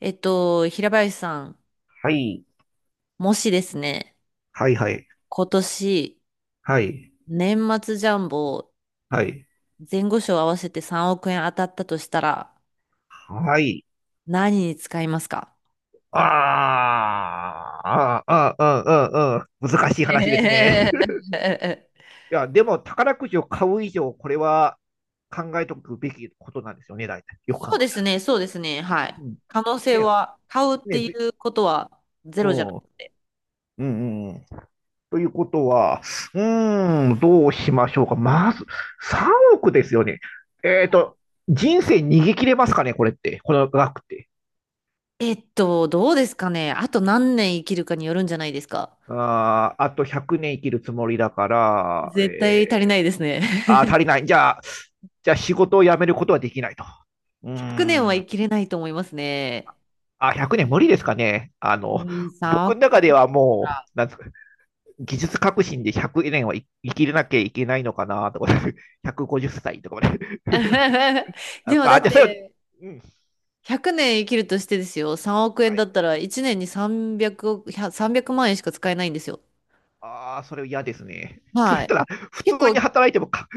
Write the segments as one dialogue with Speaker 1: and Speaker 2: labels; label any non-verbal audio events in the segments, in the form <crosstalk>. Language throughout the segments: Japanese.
Speaker 1: 平林さん、
Speaker 2: はい。
Speaker 1: もしですね、
Speaker 2: はいはい。
Speaker 1: 今年、
Speaker 2: はい。
Speaker 1: 年末ジャンボ、
Speaker 2: はい。
Speaker 1: 前後賞合わせて3億円当たったとしたら、
Speaker 2: はい。
Speaker 1: 何に使いますか？
Speaker 2: ああ、ああ、ああ、ああ、難しい話ですね。
Speaker 1: え
Speaker 2: <laughs>
Speaker 1: え
Speaker 2: いや、でも宝くじを買う以上、これは考えておくべきことなんですよね、大体。
Speaker 1: <laughs>
Speaker 2: よく
Speaker 1: そう
Speaker 2: 考
Speaker 1: で
Speaker 2: えた
Speaker 1: す
Speaker 2: ら。
Speaker 1: ね、そうですね、は
Speaker 2: う
Speaker 1: い。
Speaker 2: ん。
Speaker 1: 可能性
Speaker 2: ね、
Speaker 1: は、買うっ
Speaker 2: ね
Speaker 1: ていうことはゼ
Speaker 2: う
Speaker 1: ロじゃなく
Speaker 2: ん。
Speaker 1: て。
Speaker 2: うん、うん。ということは、うーん、どうしましょうか。まず、3億ですよね。えっと、人生逃げ切れますかね、これって。この額って。
Speaker 1: どうですかね。あと何年生きるかによるんじゃないですか？
Speaker 2: あー、あと100年生きるつもりだから、
Speaker 1: 絶対足りないですね。
Speaker 2: あー、
Speaker 1: <laughs>
Speaker 2: 足りない。じゃあ仕事を辞めることはできないと。う
Speaker 1: 100年は
Speaker 2: ーん。
Speaker 1: 生きれないと思いますね。
Speaker 2: あ、100年無理ですかね。あ
Speaker 1: う
Speaker 2: の、
Speaker 1: ん、3
Speaker 2: 僕
Speaker 1: 億
Speaker 2: の中ではも
Speaker 1: か。
Speaker 2: う、なんですか、技術革新で100年は生きれなきゃいけないのかなとか、<laughs> 150歳とかまで。<laughs>
Speaker 1: <laughs> で
Speaker 2: あ、
Speaker 1: もだ
Speaker 2: あ
Speaker 1: っ
Speaker 2: じゃあそれは、
Speaker 1: て
Speaker 2: うん。
Speaker 1: 100年生きるとしてですよ。3億円
Speaker 2: は
Speaker 1: だ
Speaker 2: い。
Speaker 1: ったら1年に300億、300万円しか使えないんですよ。
Speaker 2: ああ、それ嫌ですね。それ
Speaker 1: は
Speaker 2: っ
Speaker 1: い。
Speaker 2: たら、普通
Speaker 1: 結
Speaker 2: に
Speaker 1: 構、
Speaker 2: 働いてもか、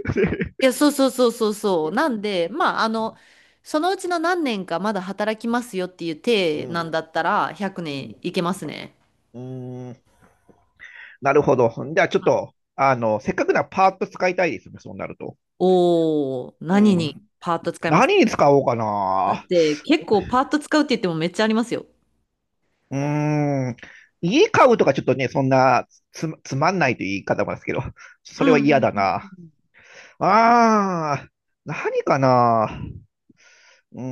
Speaker 1: いや、そうそうそうそうそう。なんで、まあ、そのうちの何年かまだ働きますよっていう
Speaker 2: <laughs> う
Speaker 1: 体なん
Speaker 2: ん。
Speaker 1: だったら100
Speaker 2: うん。
Speaker 1: 年いけますね。
Speaker 2: うーん。なるほど。じゃあちょっと、あの、せっかくならパーッと使いたいですね、そうなると。
Speaker 1: おー、
Speaker 2: う
Speaker 1: 何に
Speaker 2: ん。
Speaker 1: パート使いますか？
Speaker 2: 何に使おうか
Speaker 1: だっ
Speaker 2: な。
Speaker 1: て結構パート使うって言ってもめっちゃありますよ。
Speaker 2: うーん。家買うとかちょっとね、そんなつまんないという言い方もですけど、そ
Speaker 1: う
Speaker 2: れ
Speaker 1: ん
Speaker 2: は
Speaker 1: うんう
Speaker 2: 嫌だな。
Speaker 1: んうん。
Speaker 2: あー、何かな。うー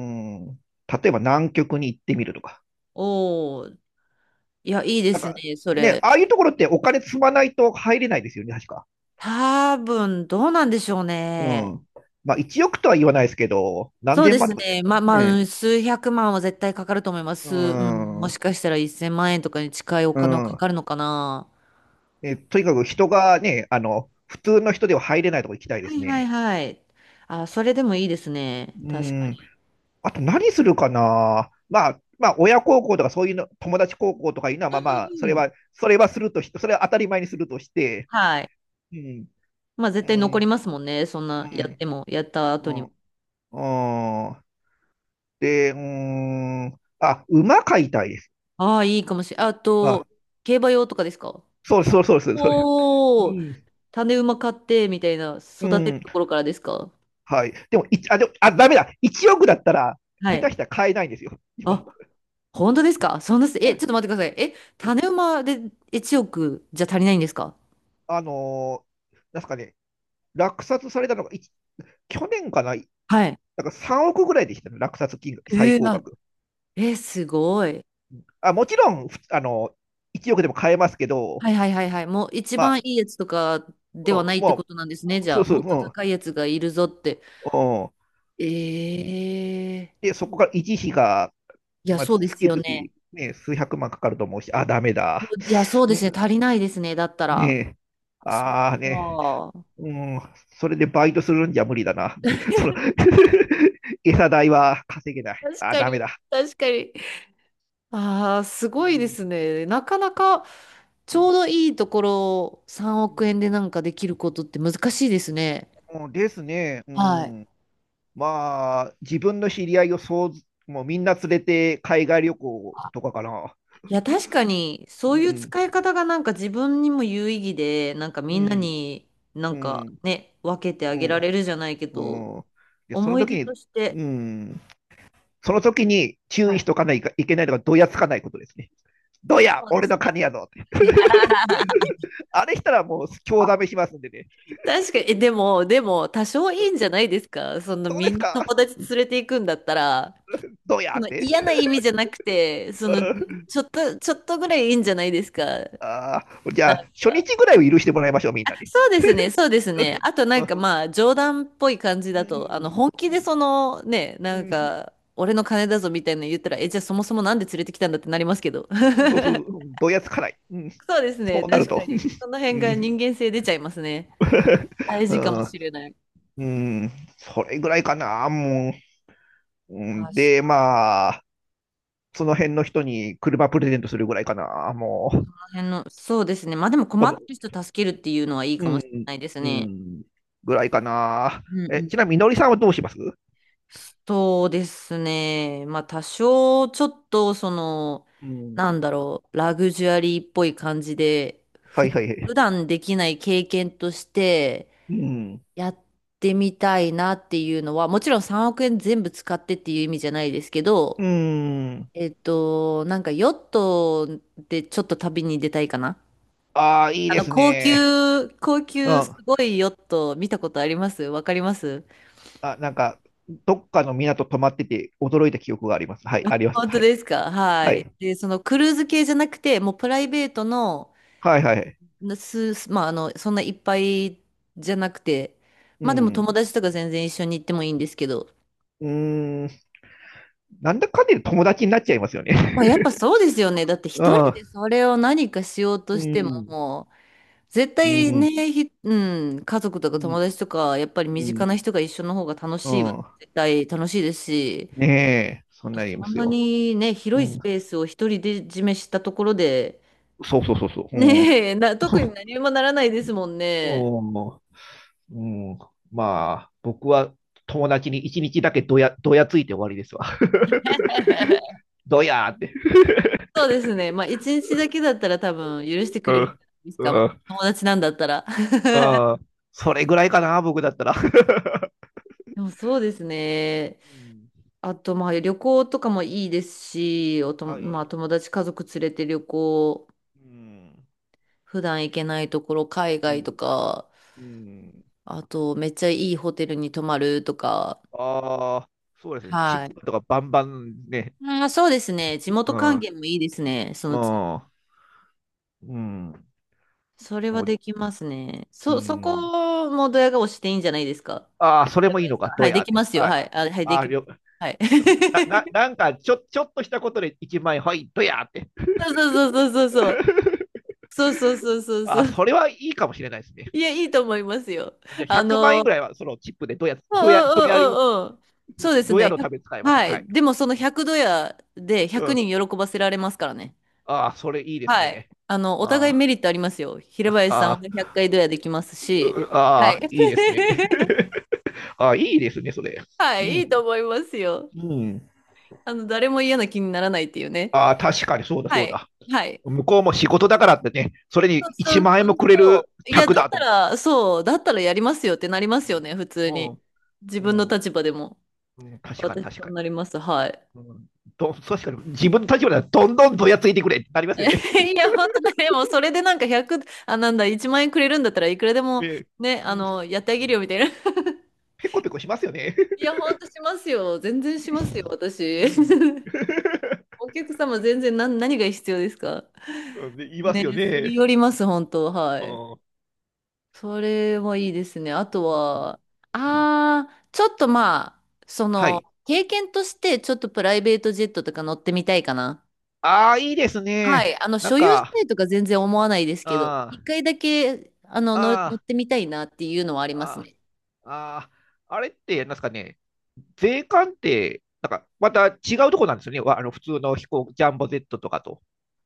Speaker 2: ん。例えば南極に行ってみるとか。
Speaker 1: おー、いや、いいで
Speaker 2: なん
Speaker 1: す
Speaker 2: か、
Speaker 1: ね、そ
Speaker 2: ね、
Speaker 1: れ。
Speaker 2: ああいうところってお金積まないと入れないですよね、確か。
Speaker 1: 多分、どうなんでしょう
Speaker 2: う
Speaker 1: ね。
Speaker 2: ん。まあ、1億とは言わないですけど、何
Speaker 1: そう
Speaker 2: 千
Speaker 1: で
Speaker 2: 万
Speaker 1: す
Speaker 2: とか。
Speaker 1: ね。まあ、う
Speaker 2: ね。
Speaker 1: ん数百万は絶対かかると思いま
Speaker 2: うー
Speaker 1: す。うん、もし
Speaker 2: ん。
Speaker 1: かしたら1000万円とかに近いお
Speaker 2: う
Speaker 1: 金はか
Speaker 2: ん。
Speaker 1: かるのかな。
Speaker 2: とにかく人がね、あの、普通の人では入れないとこ行きたいで
Speaker 1: は
Speaker 2: す
Speaker 1: いはい
Speaker 2: ね。
Speaker 1: はい。あ、それでもいいですね。
Speaker 2: う
Speaker 1: 確か
Speaker 2: ん。
Speaker 1: に。
Speaker 2: あと何するかな。まあ、まあ、親孝行とかそういうの、友達孝行とかいうのは、まあ
Speaker 1: う
Speaker 2: まあ、
Speaker 1: ん
Speaker 2: それは当たり前にするとして、
Speaker 1: はい。
Speaker 2: うん、
Speaker 1: まあ、
Speaker 2: う
Speaker 1: 絶対残り
Speaker 2: ん、
Speaker 1: ますもんね。そん
Speaker 2: う
Speaker 1: な、やっ
Speaker 2: ん、
Speaker 1: ても、やった後
Speaker 2: う
Speaker 1: にも。
Speaker 2: ん、うん。で、うん、あ、馬飼いたいです。
Speaker 1: ああ、いいかもしれないあ
Speaker 2: あ、
Speaker 1: と、競馬用とかですか？
Speaker 2: そうそうそうそう、そう。う
Speaker 1: おおー、
Speaker 2: ん、
Speaker 1: 種馬買って、みたいな、
Speaker 2: う
Speaker 1: 育てる
Speaker 2: ん、
Speaker 1: ところからですか？
Speaker 2: はい。でも、あ、ダメだ。1億だったら、
Speaker 1: は
Speaker 2: 下
Speaker 1: い。
Speaker 2: 手したら買えないんですよ、今。
Speaker 1: あ、本当ですか？そんなす、え、
Speaker 2: は
Speaker 1: ちょ
Speaker 2: い
Speaker 1: っと待ってください。え、種馬で1億じゃ足りないんですか？
Speaker 2: あのーなんすかね、落札されたのが、去年かな、なん
Speaker 1: はい。
Speaker 2: か3億ぐらいでしたね、落札金額、最高
Speaker 1: あ、
Speaker 2: 額。
Speaker 1: すごい。
Speaker 2: あ、もちろん、ふあのー、1億でも買えますけど、
Speaker 1: はいはいはいはい。もう一
Speaker 2: ま
Speaker 1: 番
Speaker 2: あ、
Speaker 1: いいやつとかで
Speaker 2: うん
Speaker 1: はないってこ
Speaker 2: も
Speaker 1: となんですね。
Speaker 2: う、
Speaker 1: じゃ
Speaker 2: そ
Speaker 1: あ、
Speaker 2: うそ
Speaker 1: も
Speaker 2: う、
Speaker 1: っと
Speaker 2: う
Speaker 1: 高いやつがいるぞって。
Speaker 2: ん、うん。
Speaker 1: ええ
Speaker 2: で、そこから維持費が、
Speaker 1: いや、
Speaker 2: まあ、
Speaker 1: そうで
Speaker 2: 月
Speaker 1: すよ
Speaker 2: 々、
Speaker 1: ね。
Speaker 2: ね、数百万かかると思うし、あ、ダメだ。
Speaker 1: いや、そうで
Speaker 2: うん、
Speaker 1: すね。足りないですね。だった
Speaker 2: ね
Speaker 1: ら。
Speaker 2: え、
Speaker 1: そっ
Speaker 2: ああね、
Speaker 1: か。
Speaker 2: うん、それでバイトするんじゃ無理だな。<laughs> その <laughs> 餌代は稼げない。
Speaker 1: 確
Speaker 2: あ、
Speaker 1: か
Speaker 2: ダメ
Speaker 1: に、
Speaker 2: だ。
Speaker 1: 確かに。ああ、す
Speaker 2: う
Speaker 1: ごいで
Speaker 2: ん、
Speaker 1: すね。なかなか、ち
Speaker 2: う
Speaker 1: ょ
Speaker 2: ん、
Speaker 1: うどいいところ3
Speaker 2: う
Speaker 1: 億
Speaker 2: ん、
Speaker 1: 円でなんかできることって難しいですね。
Speaker 2: うん、ですね。う
Speaker 1: はい。
Speaker 2: ん。まあ、自分の知り合いをそうず、もうみんな連れて海外旅行とかかな。
Speaker 1: いや、確かに、
Speaker 2: う
Speaker 1: そういう
Speaker 2: ん、
Speaker 1: 使い方がなんか自分にも有意義で、なんか
Speaker 2: う
Speaker 1: みんな
Speaker 2: ん、
Speaker 1: にな
Speaker 2: う
Speaker 1: んか
Speaker 2: ん、
Speaker 1: ね、分けてあ
Speaker 2: う
Speaker 1: げら
Speaker 2: ん、
Speaker 1: れるじゃないけど、
Speaker 2: うん。で、その
Speaker 1: 思い
Speaker 2: 時
Speaker 1: 出
Speaker 2: に、
Speaker 1: として、
Speaker 2: うん、その時に注
Speaker 1: は
Speaker 2: 意し
Speaker 1: い
Speaker 2: とかないかいけないのが、どやつかないことですね。ど
Speaker 1: そ
Speaker 2: や、
Speaker 1: うで
Speaker 2: 俺
Speaker 1: す
Speaker 2: の
Speaker 1: ね。
Speaker 2: 金やぞって。<laughs>
Speaker 1: <laughs>
Speaker 2: あれしたらもう、興ざめしますんでね。
Speaker 1: 確かに、えでも、でも、多少いいんじゃないですか？その
Speaker 2: そう
Speaker 1: み
Speaker 2: で
Speaker 1: ん
Speaker 2: す
Speaker 1: な
Speaker 2: か、
Speaker 1: 友達連れていくんだったら、
Speaker 2: どや
Speaker 1: そ
Speaker 2: っ
Speaker 1: の
Speaker 2: て。
Speaker 1: 嫌な意味じゃなくて、そ
Speaker 2: う
Speaker 1: の、
Speaker 2: ん、
Speaker 1: ちょっとぐらいいいんじゃないですか？なん
Speaker 2: ああ、じゃあ、初
Speaker 1: か
Speaker 2: 日ぐらいは許してもらいましょう、みんなに。
Speaker 1: そうですね、そうですね。あとな
Speaker 2: う
Speaker 1: んか
Speaker 2: ん、
Speaker 1: まあ冗談っぽい感じ
Speaker 2: うん、
Speaker 1: だ
Speaker 2: う
Speaker 1: と、あの
Speaker 2: ん、
Speaker 1: 本気
Speaker 2: う
Speaker 1: で
Speaker 2: ん。
Speaker 1: そのね、なん
Speaker 2: うん、
Speaker 1: か俺の金だぞみたいなの言ったら、え、じゃあそもそもなんで連れてきたんだってなりますけど。<laughs>
Speaker 2: そうそう、どやつかない。うん、そ
Speaker 1: そうですね、
Speaker 2: うな
Speaker 1: 確
Speaker 2: る
Speaker 1: か
Speaker 2: と。
Speaker 1: に。その辺
Speaker 2: う
Speaker 1: が
Speaker 2: ん、
Speaker 1: 人間性出ちゃいますね。
Speaker 2: <laughs>
Speaker 1: 大
Speaker 2: う
Speaker 1: 事かも
Speaker 2: ん、
Speaker 1: しれない。
Speaker 2: うん、それぐらいかな、もう。う
Speaker 1: 確
Speaker 2: ん、で、
Speaker 1: かに。
Speaker 2: まあ、その辺の人に車プレゼントするぐらいかな、もう。
Speaker 1: あの辺の、そうですね。まあでも困
Speaker 2: こ
Speaker 1: っ
Speaker 2: の、
Speaker 1: てる人助けるっていうのはいい
Speaker 2: う
Speaker 1: かもしれ
Speaker 2: ん、
Speaker 1: ないです
Speaker 2: う
Speaker 1: ね。
Speaker 2: ん、ぐらいかな。
Speaker 1: うんう
Speaker 2: え、ちなみに、
Speaker 1: ん。
Speaker 2: のりさんはどうします？
Speaker 1: そうですね。まあ多少ちょっと
Speaker 2: うん、
Speaker 1: なんだろう、ラグジュアリーっぽい感じで、
Speaker 2: はいはいは
Speaker 1: 普
Speaker 2: い。
Speaker 1: 段できない経験として
Speaker 2: うん、
Speaker 1: やってみたいなっていうのは、もちろん3億円全部使ってっていう意味じゃないですけ
Speaker 2: う
Speaker 1: ど、
Speaker 2: ん。
Speaker 1: なんかヨットでちょっと旅に出たいかな。
Speaker 2: ああ、いいです
Speaker 1: 高
Speaker 2: ね。
Speaker 1: 級、高
Speaker 2: うん。
Speaker 1: 級す
Speaker 2: あ、
Speaker 1: ごいヨット見たことありますわかります
Speaker 2: なんか、どっかの港泊まってて驚いた記憶があります。はい、あります。
Speaker 1: 本当
Speaker 2: はい。
Speaker 1: ですか？は
Speaker 2: は
Speaker 1: い。
Speaker 2: い。
Speaker 1: で、そのクルーズ系じゃなくて、もうプライベートの、
Speaker 2: はいはい。
Speaker 1: まあ、そんないっぱいじゃなくて、
Speaker 2: う
Speaker 1: まあでも友
Speaker 2: ん。
Speaker 1: 達とか全然一緒に行ってもいいんですけど、
Speaker 2: うーん。なんだかんだで友達になっちゃいますよね。<laughs>
Speaker 1: まあやっぱそうですよね。だって
Speaker 2: う
Speaker 1: 一人
Speaker 2: ん。
Speaker 1: でそれを何かしよう
Speaker 2: う
Speaker 1: として
Speaker 2: ん。
Speaker 1: も、絶
Speaker 2: う
Speaker 1: 対
Speaker 2: ん。
Speaker 1: ね、うん、家族とか
Speaker 2: う
Speaker 1: 友
Speaker 2: ん。
Speaker 1: 達とか、やっぱり
Speaker 2: う
Speaker 1: 身
Speaker 2: ん。
Speaker 1: 近な人が一緒の方が楽
Speaker 2: う
Speaker 1: しいは
Speaker 2: ん、
Speaker 1: 絶対楽しいですし、
Speaker 2: ねえ。
Speaker 1: あ
Speaker 2: そん
Speaker 1: と
Speaker 2: なにい
Speaker 1: そ
Speaker 2: ま
Speaker 1: ん
Speaker 2: す
Speaker 1: な
Speaker 2: よ。
Speaker 1: にね、
Speaker 2: う
Speaker 1: 広いス
Speaker 2: ん。
Speaker 1: ペースを一人で占めしたところで、
Speaker 2: そうそうそうそう。うん。
Speaker 1: ねえ、<laughs> 特に
Speaker 2: <laughs>
Speaker 1: 何もならないですもんね。
Speaker 2: うん。うん。まあ、僕は友達に一日だけどやついて終わりですわ。<laughs>
Speaker 1: <laughs>
Speaker 2: どやーって。
Speaker 1: そうですね。まあ、一日だけだったら多分許してく
Speaker 2: う
Speaker 1: れるん
Speaker 2: ん。
Speaker 1: ですか。も
Speaker 2: う
Speaker 1: う
Speaker 2: ん。
Speaker 1: 友達なんだったら。<laughs>
Speaker 2: うん。それぐらいかな、僕だったら。<laughs>
Speaker 1: でもそうですね。
Speaker 2: うん、
Speaker 1: あと、まあ、旅行とかもいいですし、
Speaker 2: は
Speaker 1: まあ、
Speaker 2: い。
Speaker 1: 友達家族連れて旅行、
Speaker 2: うん。
Speaker 1: 普段行けないところ、海
Speaker 2: う
Speaker 1: 外と
Speaker 2: ん。
Speaker 1: か、
Speaker 2: うん。
Speaker 1: あと、めっちゃいいホテルに泊まるとか。
Speaker 2: ああ、そうですね。チッ
Speaker 1: はい。
Speaker 2: プとかバンバンね。
Speaker 1: あー、そうですね。地
Speaker 2: う
Speaker 1: 元
Speaker 2: ん。
Speaker 1: 還
Speaker 2: う
Speaker 1: 元もいいですね。そ
Speaker 2: ん。
Speaker 1: のつ、
Speaker 2: うん。
Speaker 1: それ
Speaker 2: で
Speaker 1: は
Speaker 2: も、
Speaker 1: できますね。
Speaker 2: う
Speaker 1: そ、そ
Speaker 2: ん。
Speaker 1: こもドヤ顔していいんじゃないですか？
Speaker 2: ああ、それ
Speaker 1: 了
Speaker 2: も
Speaker 1: 解
Speaker 2: いい
Speaker 1: で
Speaker 2: の
Speaker 1: すか？
Speaker 2: か、
Speaker 1: は
Speaker 2: ド
Speaker 1: い、
Speaker 2: ヤ
Speaker 1: で
Speaker 2: っ
Speaker 1: き
Speaker 2: て。
Speaker 1: ますよ。
Speaker 2: はい。
Speaker 1: はい。あ、はい、
Speaker 2: あ
Speaker 1: で
Speaker 2: あ、
Speaker 1: きます。はい。
Speaker 2: な、な、
Speaker 1: <laughs>
Speaker 2: なんか、ちょっとしたことで1万円、はい、ドヤって。
Speaker 1: そうそうそうそうそうそう。
Speaker 2: <laughs>
Speaker 1: そうそうそうそう
Speaker 2: ああ、
Speaker 1: そ
Speaker 2: そ
Speaker 1: う。
Speaker 2: れはいいかもしれないですね。
Speaker 1: いや、いいと思いますよ。
Speaker 2: じゃあ、100万円
Speaker 1: う
Speaker 2: ぐら
Speaker 1: ん
Speaker 2: いは、そのチップでドヤ、
Speaker 1: うん
Speaker 2: ドヤ、
Speaker 1: う
Speaker 2: ドヤり、
Speaker 1: んうんうん。そうです
Speaker 2: ドヤ
Speaker 1: ね。
Speaker 2: の
Speaker 1: ひゃ
Speaker 2: た
Speaker 1: く
Speaker 2: めに使います。
Speaker 1: は
Speaker 2: は
Speaker 1: い。
Speaker 2: い。
Speaker 1: でもその100ドヤで
Speaker 2: う
Speaker 1: 100
Speaker 2: ん。
Speaker 1: 人喜ばせられますからね。
Speaker 2: ああ、それいいです
Speaker 1: はい。
Speaker 2: ね。
Speaker 1: お互いメ
Speaker 2: あ
Speaker 1: リットありますよ。平
Speaker 2: あ、
Speaker 1: 林さんは
Speaker 2: あ
Speaker 1: 100
Speaker 2: あ、
Speaker 1: 回ドヤできます
Speaker 2: う
Speaker 1: し。は
Speaker 2: あ
Speaker 1: い。
Speaker 2: あ、いいですね。
Speaker 1: <laughs>
Speaker 2: ああ、いいですね、それ。
Speaker 1: はい、
Speaker 2: う
Speaker 1: い
Speaker 2: ん。
Speaker 1: いと思いますよ。
Speaker 2: うん。
Speaker 1: 誰も嫌な気にならないっていうね。
Speaker 2: ああ、確かにそうだ
Speaker 1: は
Speaker 2: そう
Speaker 1: い。
Speaker 2: だ。
Speaker 1: はい。
Speaker 2: 向こうも仕事だからってね、それに
Speaker 1: そうそ
Speaker 2: 1
Speaker 1: う
Speaker 2: 万円
Speaker 1: そ
Speaker 2: も
Speaker 1: う
Speaker 2: くれる
Speaker 1: そう。いや、
Speaker 2: 客
Speaker 1: だっ
Speaker 2: だと
Speaker 1: た
Speaker 2: 思った。
Speaker 1: ら、そう、だったらやりますよってなりますよね、
Speaker 2: う
Speaker 1: 普通に。自
Speaker 2: ん、う
Speaker 1: 分の
Speaker 2: ん、
Speaker 1: 立場でも。
Speaker 2: うん、確かに
Speaker 1: 私
Speaker 2: 確
Speaker 1: そう
Speaker 2: か
Speaker 1: なります。はい。
Speaker 2: に。うん、確かに自分の立場ではどんどんどやついてくれってなりますよね。
Speaker 1: <laughs> いや、本当ねでも、それでなんか100、あ、なんだ、1万円くれるんだったらいくらで
Speaker 2: <laughs> え
Speaker 1: も、
Speaker 2: え、
Speaker 1: ね、
Speaker 2: うん、
Speaker 1: やってあげるよ、みたいな。<laughs>
Speaker 2: ペコペコしますよね。
Speaker 1: いや、ほんとしますよ。全然しますよ、
Speaker 2: う
Speaker 1: 私。
Speaker 2: ん、
Speaker 1: <laughs>
Speaker 2: <laughs>
Speaker 1: お客様、全然何が必要ですか？
Speaker 2: うんで言いますよ
Speaker 1: ね、すり
Speaker 2: ね。
Speaker 1: 寄ります、本当、は
Speaker 2: う
Speaker 1: い。
Speaker 2: ん、う
Speaker 1: それもいいですね。あとは、
Speaker 2: ん、
Speaker 1: ああ、ちょっとまあ、
Speaker 2: はい。
Speaker 1: 経験として、ちょっとプライベートジェットとか乗ってみたいかな。
Speaker 2: ああ、いいです
Speaker 1: は
Speaker 2: ね。
Speaker 1: い。
Speaker 2: なん
Speaker 1: 所有した
Speaker 2: か、
Speaker 1: いとか全然思わないですけど、
Speaker 2: あ
Speaker 1: 一回だけ、乗っ
Speaker 2: あ、あ
Speaker 1: てみたいなっていうのはあります
Speaker 2: あ、
Speaker 1: ね。
Speaker 2: ああ、あれって、なんですかね。税関って、なんかまた違うとこなんですよね。あの普通の飛行、ジャンボ Z とかと。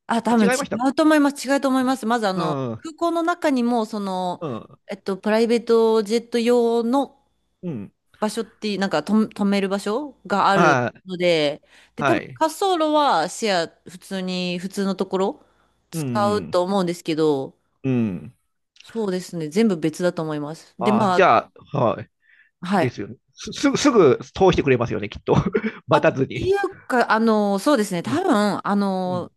Speaker 1: あ、
Speaker 2: あ、
Speaker 1: 多分
Speaker 2: 違いま
Speaker 1: 違
Speaker 2: した。
Speaker 1: うと思います。違うと思います。まず、
Speaker 2: うん、う
Speaker 1: 空港の中にも、
Speaker 2: ん、
Speaker 1: プライベートジェット用の
Speaker 2: うん。
Speaker 1: 場所って、なんかと止める場所がある
Speaker 2: あー、
Speaker 1: ので、で、多
Speaker 2: は
Speaker 1: 分
Speaker 2: い。
Speaker 1: 滑走路はシェア、普通に、普通のところ
Speaker 2: う
Speaker 1: 使う
Speaker 2: ん、
Speaker 1: と思うんですけど、
Speaker 2: うん。
Speaker 1: そうですね、全部別だと思います。で、
Speaker 2: あー、
Speaker 1: ま
Speaker 2: じ
Speaker 1: あ、
Speaker 2: ゃあ、はい。
Speaker 1: は
Speaker 2: で
Speaker 1: い。
Speaker 2: すよね。すぐ通してくれますよね、きっと。<laughs>
Speaker 1: あ、
Speaker 2: 待
Speaker 1: っ
Speaker 2: たず
Speaker 1: てい
Speaker 2: に。
Speaker 1: うか、そうですね、多
Speaker 2: うん。
Speaker 1: 分、
Speaker 2: うん、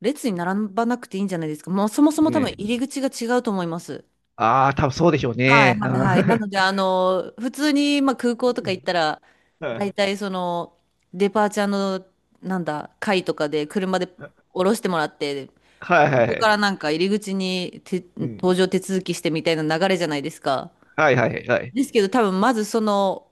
Speaker 1: 列に並ばなくていいんじゃないですか？もうそもそも多分
Speaker 2: ね。
Speaker 1: 入り口が違うと思います。
Speaker 2: ああ、多分そうでしょう
Speaker 1: はい
Speaker 2: ね。
Speaker 1: はい
Speaker 2: あ
Speaker 1: はい。な
Speaker 2: ー
Speaker 1: ので、普通に、まあ、空
Speaker 2: <laughs>
Speaker 1: 港
Speaker 2: う
Speaker 1: とか行
Speaker 2: ん、
Speaker 1: ったら、
Speaker 2: は
Speaker 1: 大体そのデパーチャーのなんだ会とかで車で降ろしてもらってこ
Speaker 2: いはいは
Speaker 1: こか
Speaker 2: い。
Speaker 1: らなんか入り口にて
Speaker 2: う
Speaker 1: 搭
Speaker 2: ん。
Speaker 1: 乗手続きしてみたいな流れじゃないですか？
Speaker 2: はいはいはい。
Speaker 1: ですけど多分まずその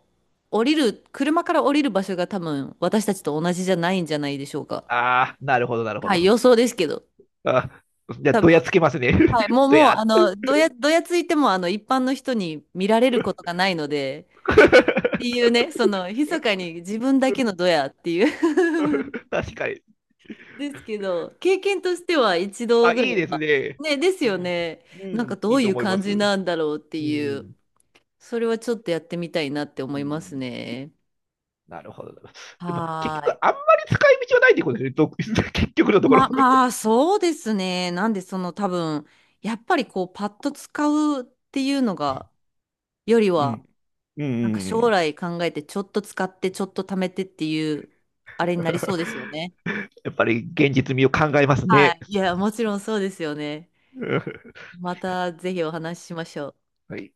Speaker 1: 降りる車から降りる場所が多分私たちと同じじゃないんじゃないでしょうか。
Speaker 2: ああ、なるほど、なるほ
Speaker 1: はい
Speaker 2: ど。
Speaker 1: 予想ですけど
Speaker 2: あー、じゃあ、
Speaker 1: 多
Speaker 2: どや
Speaker 1: 分、
Speaker 2: つけますね。
Speaker 1: はい、も
Speaker 2: <laughs>
Speaker 1: う
Speaker 2: ど
Speaker 1: もう
Speaker 2: やっ
Speaker 1: どやついても一般の人に見られることがないので
Speaker 2: と。
Speaker 1: っ
Speaker 2: <laughs>
Speaker 1: ていうね密かに自分だけのドヤっていう <laughs>
Speaker 2: <laughs> 確かに。
Speaker 1: ですけど、経験としては一度
Speaker 2: あ、
Speaker 1: ぐら
Speaker 2: いい
Speaker 1: い
Speaker 2: です
Speaker 1: は。
Speaker 2: ね。
Speaker 1: ね、です
Speaker 2: う
Speaker 1: よ
Speaker 2: ん。
Speaker 1: ね。
Speaker 2: う
Speaker 1: なんか
Speaker 2: ん、
Speaker 1: ど
Speaker 2: いい
Speaker 1: う
Speaker 2: と
Speaker 1: いう
Speaker 2: 思いま
Speaker 1: 感
Speaker 2: す。
Speaker 1: じなんだ
Speaker 2: う
Speaker 1: ろうっていう、
Speaker 2: ん。
Speaker 1: それはちょっとやってみたいなって
Speaker 2: う
Speaker 1: 思います
Speaker 2: ん、
Speaker 1: ね。
Speaker 2: なるほど。でも、結
Speaker 1: はー
Speaker 2: 局、あん
Speaker 1: い。
Speaker 2: まり使い道はないってことですねど <laughs>、結局のところ。
Speaker 1: まあ、そうですね。なんで、多分、やっぱりこう、パッと使うっていうのが、より
Speaker 2: う
Speaker 1: は、
Speaker 2: ん。うん。
Speaker 1: なんか
Speaker 2: う
Speaker 1: 将
Speaker 2: ん。
Speaker 1: 来考えて、ちょっと使って、ちょっと貯めてっていう、あれになりそうですよね。
Speaker 2: <laughs> やっぱり現実味を考えます
Speaker 1: は
Speaker 2: ね。
Speaker 1: い。いや、もちろんそうですよね。
Speaker 2: <laughs>
Speaker 1: またぜひお話ししましょう。
Speaker 2: はい。